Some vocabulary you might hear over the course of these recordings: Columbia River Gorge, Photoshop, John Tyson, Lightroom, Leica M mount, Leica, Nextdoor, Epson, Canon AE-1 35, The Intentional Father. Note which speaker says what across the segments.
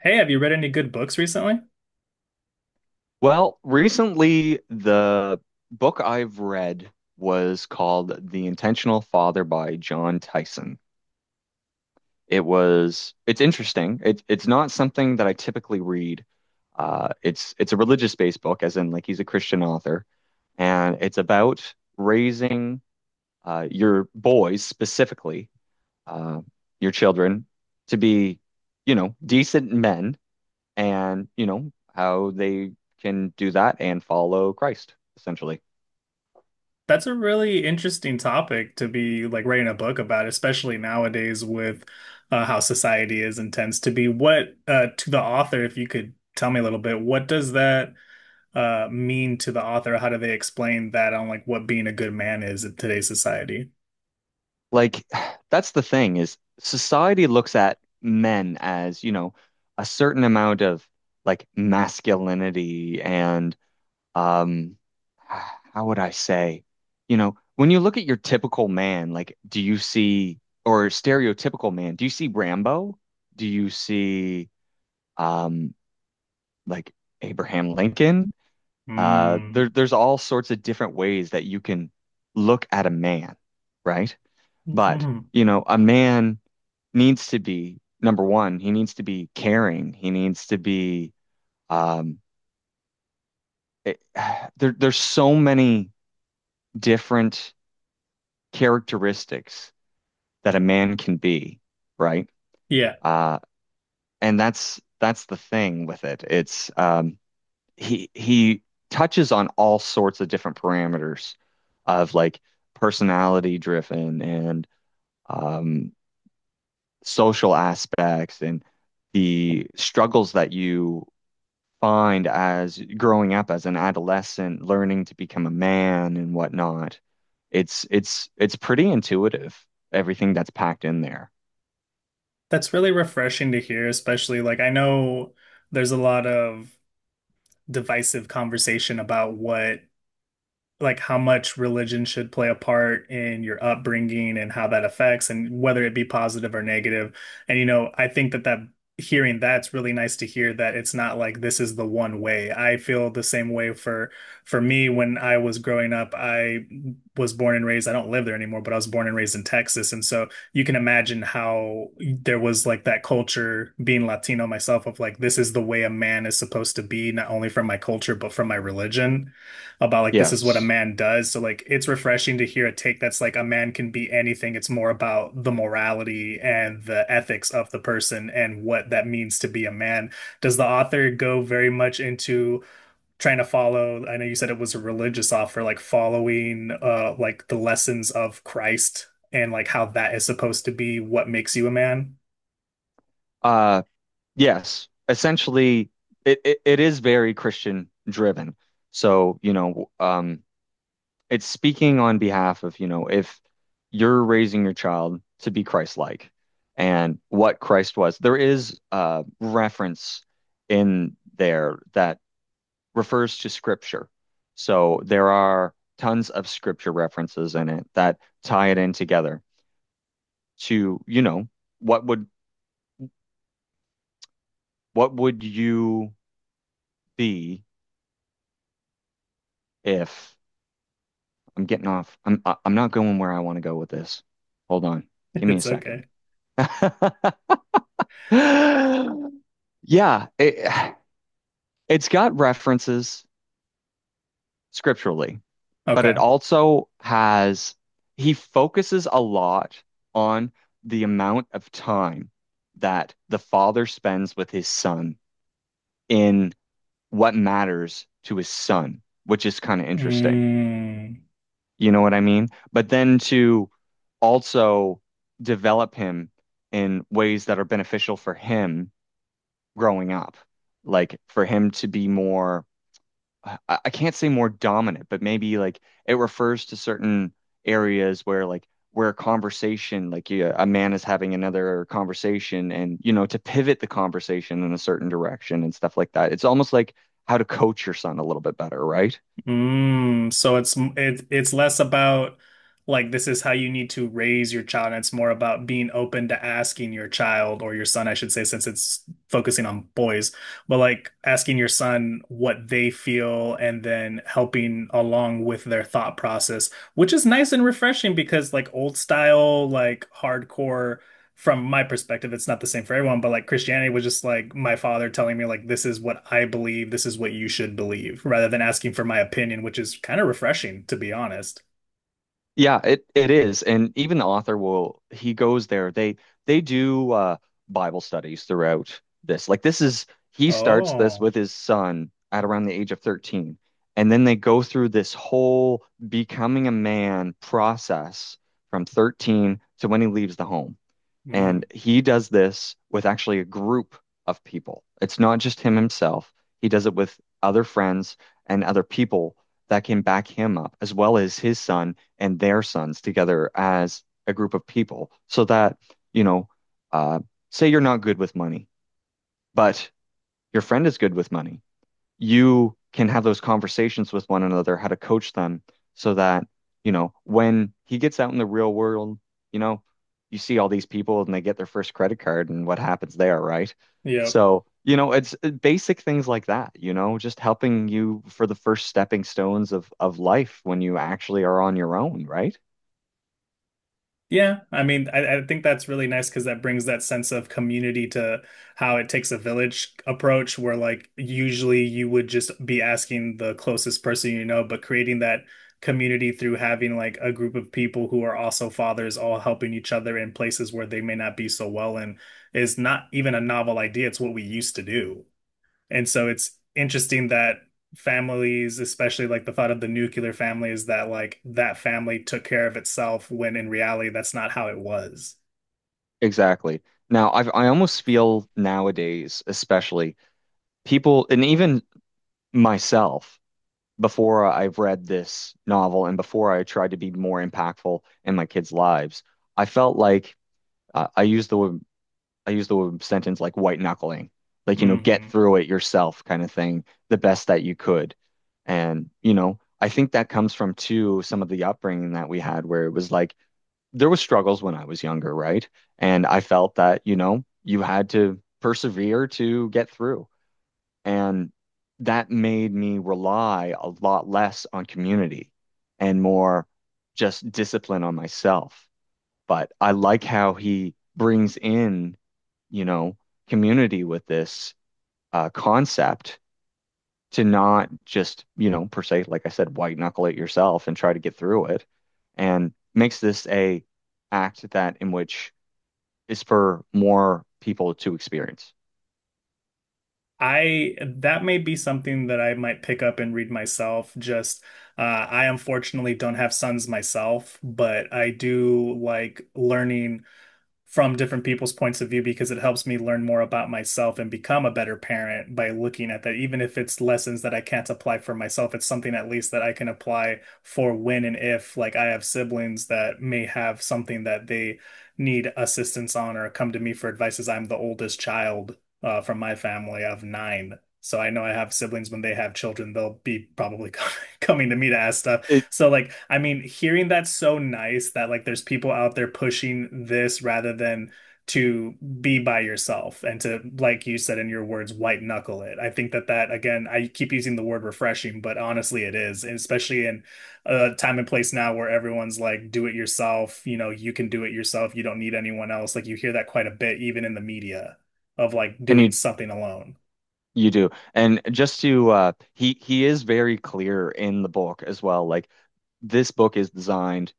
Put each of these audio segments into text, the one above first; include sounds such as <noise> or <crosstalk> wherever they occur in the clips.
Speaker 1: Hey, have you read any good books recently?
Speaker 2: Well, recently the book I've read was called The Intentional Father by John Tyson. It's interesting. It's not something that I typically read. It's a religious-based book, as in like he's a Christian author, and it's about raising your boys specifically, uh, your children, to be, you know, decent men and you know how they can do that and follow Christ essentially
Speaker 1: That's a really interesting topic to be like writing a book about, especially nowadays with how society is and tends to be. What to the author, if you could tell me a little bit, what does that mean to the author? How do they explain that on like what being a good man is in today's society?
Speaker 2: like <sighs> that's the thing is society looks at men as you know a certain amount of like masculinity and um <sighs> how would I say, you know, when you look at your typical man, like do you see, or stereotypical man, do you see Rambo, do you see um like Abraham Lincoln. Uh, there,
Speaker 1: Mm.
Speaker 2: there's all sorts of different ways that you can look at a man, right? But,
Speaker 1: Hmm.
Speaker 2: you know, a man needs to be, number one, he needs to be caring. He needs to be, um, it- <sighs> there's so many different characteristics that a man can be, right?
Speaker 1: Yeah,
Speaker 2: Uh, and that's the thing with it. It's, he touches on all sorts of different parameters of like personality driven and um, social aspects and the struggles that you find as growing up as an adolescent, learning to become a man and whatnot. It's pretty intuitive, everything that's packed in there.
Speaker 1: that's really refreshing to hear, especially like I know there's a lot of divisive conversation about what like how much religion should play a part in your upbringing and how that affects, and whether it be positive or negative. And you know, I think that hearing that's really nice to hear that it's not like this is the one way. I feel the same way for me when I was growing up. I was born and raised, I don't live there anymore, but I was born and raised in Texas. And so you can imagine how there was like that culture being Latino myself of like this is the way a man is supposed to be, not only from my culture, but from my religion, about like this is what a
Speaker 2: Yes.
Speaker 1: man does. So like it's refreshing to hear a take that's like a man can be anything. It's more about the morality and the ethics of the person and what that means to be a man. Does the author go very much into trying to follow, I know you said it was a religious offer, like following like the lessons of Christ, and like how that is supposed to be what makes you a man?
Speaker 2: Uh yes. Essentially it is very Christian driven. So, you know, it's speaking on behalf of, you know, if you're raising your child to be Christ-like and what Christ was. There is a reference in there that refers to scripture. So there are tons of scripture references in it that tie it in together to, you know, what would what would you be if I'm getting off. I am not going where I want to go with this. Hold on.
Speaker 1: <laughs>
Speaker 2: Give me a
Speaker 1: It's okay.
Speaker 2: second. <laughs> Yeah, it, it's got references scripturally, but it
Speaker 1: Okay.
Speaker 2: also has, he focuses a lot on the amount of time that the father spends with his son in what matters to his son, which is kind of interesting.
Speaker 1: Mm.
Speaker 2: You know what I mean? But then to also develop him in ways that are beneficial for him growing up, like for him to be more I, I can't say more dominant, but maybe like it refers to certain areas where where a conversation, like yeah, a man is having another conversation and you know, to pivot the conversation in a certain direction and stuff like that. It's almost like how to coach your son a little bit better, right?
Speaker 1: Mm, so it's less about like this is how you need to raise your child, and it's more about being open to asking your child or your son, I should say, since it's focusing on boys, but like asking your son what they feel and then helping along with their thought process, which is nice and refreshing, because like old style, like hardcore, from my perspective, it's not the same for everyone, but like Christianity was just like my father telling me, like, this is what I believe, this is what you should believe, rather than asking for my opinion, which is kind of refreshing, to be honest.
Speaker 2: Yeah, it is. And even the author will he goes there. They do Bible studies throughout this. Like this is he starts this
Speaker 1: Oh,
Speaker 2: with his son at around the age of 13. And then they go through this whole becoming a man process from 13 to when he leaves the home. And
Speaker 1: mm,
Speaker 2: he does this with actually a group of people. It's not just him himself. He does it with other friends and other people that can back him up, as well as his son and their sons together as a group of people. So that, you know, uh, say you're not good with money, but your friend is good with money, you can have those conversations with one another, how to coach them so that, you know, when he gets out in the real world, you know, you see all these people and they get their first credit card and what happens there, right?
Speaker 1: yep.
Speaker 2: So, you know, it's basic things like that, you know, just helping you for the first stepping stones of life when you actually are on your own, right?
Speaker 1: Yeah, I mean, I think that's really nice because that brings that sense of community to how it takes a village approach, where like usually you would just be asking the closest person you know, but creating that community through having like a group of people who are also fathers all helping each other in places where they may not be so well in is not even a novel idea. It's what we used to do. And so it's interesting that families, especially like the thought of the nuclear family, is that like that family took care of itself when in reality that's not how it was.
Speaker 2: Exactly. Now, I almost feel nowadays, especially people and even myself, before I've read this novel and before I tried to be more impactful in my kids' lives, I felt like uh, I used the I used the sentence like white knuckling, like you know, get
Speaker 1: Hmm.
Speaker 2: through it yourself kind of thing, the best that you could. And you know, I think that comes from too some of the upbringing that we had, where it was like there was struggles when I was younger, right? And I felt that, you know, you had to persevere to get through. And that made me rely a lot less on community and more just discipline on myself. But I like how he brings in, you know, community with this concept, to not just, you know, per se, like I said, white knuckle it yourself and try to get through it, and makes this a act that in which is for more people to experience.
Speaker 1: I That may be something that I might pick up and read myself. Just I unfortunately don't have sons myself, but I do like learning from different people's points of view because it helps me learn more about myself and become a better parent by looking at that. Even if it's lessons that I can't apply for myself, it's something at least that I can apply for when and if, like, I have siblings that may have something that they need assistance on or come to me for advice, as I'm the oldest child from my family of 9. So I know I have siblings, when they have children, they'll be probably <laughs> coming to me to ask stuff.
Speaker 2: It,
Speaker 1: So like I mean hearing that's so nice that like there's people out there pushing this rather than to be by yourself and to, like you said in your words, white knuckle it. I think that again, I keep using the word refreshing, but honestly it is, and especially in a time and place now where everyone's like do it yourself, you know, you can do it yourself, you don't need anyone else. Like you hear that quite a bit even in the media, of like
Speaker 2: and
Speaker 1: doing
Speaker 2: he
Speaker 1: something alone.
Speaker 2: You do. And just to he is very clear in the book as well. Like this book is designed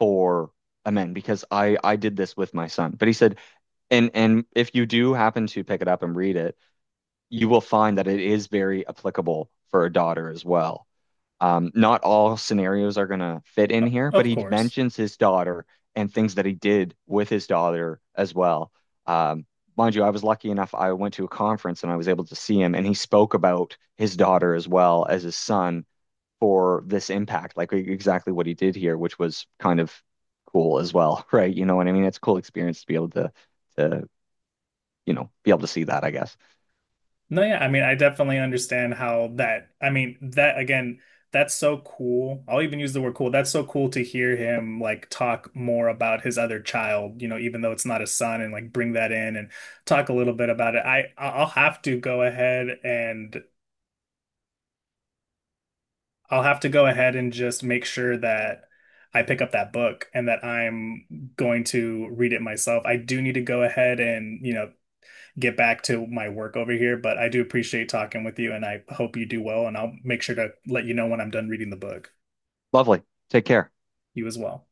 Speaker 2: for a man, because I did this with my son. But he said, and if you do happen to pick it up and read it, you will find that it is very applicable for a daughter as well. Not all scenarios are going to fit in here, but
Speaker 1: Of
Speaker 2: he
Speaker 1: course.
Speaker 2: mentions his daughter and things that he did with his daughter as well. Um, mind you, I was lucky enough, I went to a conference and I was able to see him, and he spoke about his daughter as well as his son for this impact, like exactly what he did here, which was kind of cool as well, <laughs> right? You know what I mean? It's a cool experience to be able to, you know, be able to see that, I guess.
Speaker 1: No, yeah, I mean, I definitely understand how that, I mean, that again, that's so cool. I'll even use the word cool. That's so cool to hear him like talk more about his other child, you know, even though it's not his son, and like bring that in and talk a little bit about it. I'll have to go ahead and just make sure that I pick up that book and that I'm going to read it myself. I do need to go ahead and get back to my work over here, but I do appreciate talking with you, and I hope you do well, and I'll make sure to let you know when I'm done reading the book.
Speaker 2: Lovely. Take care.
Speaker 1: You as well.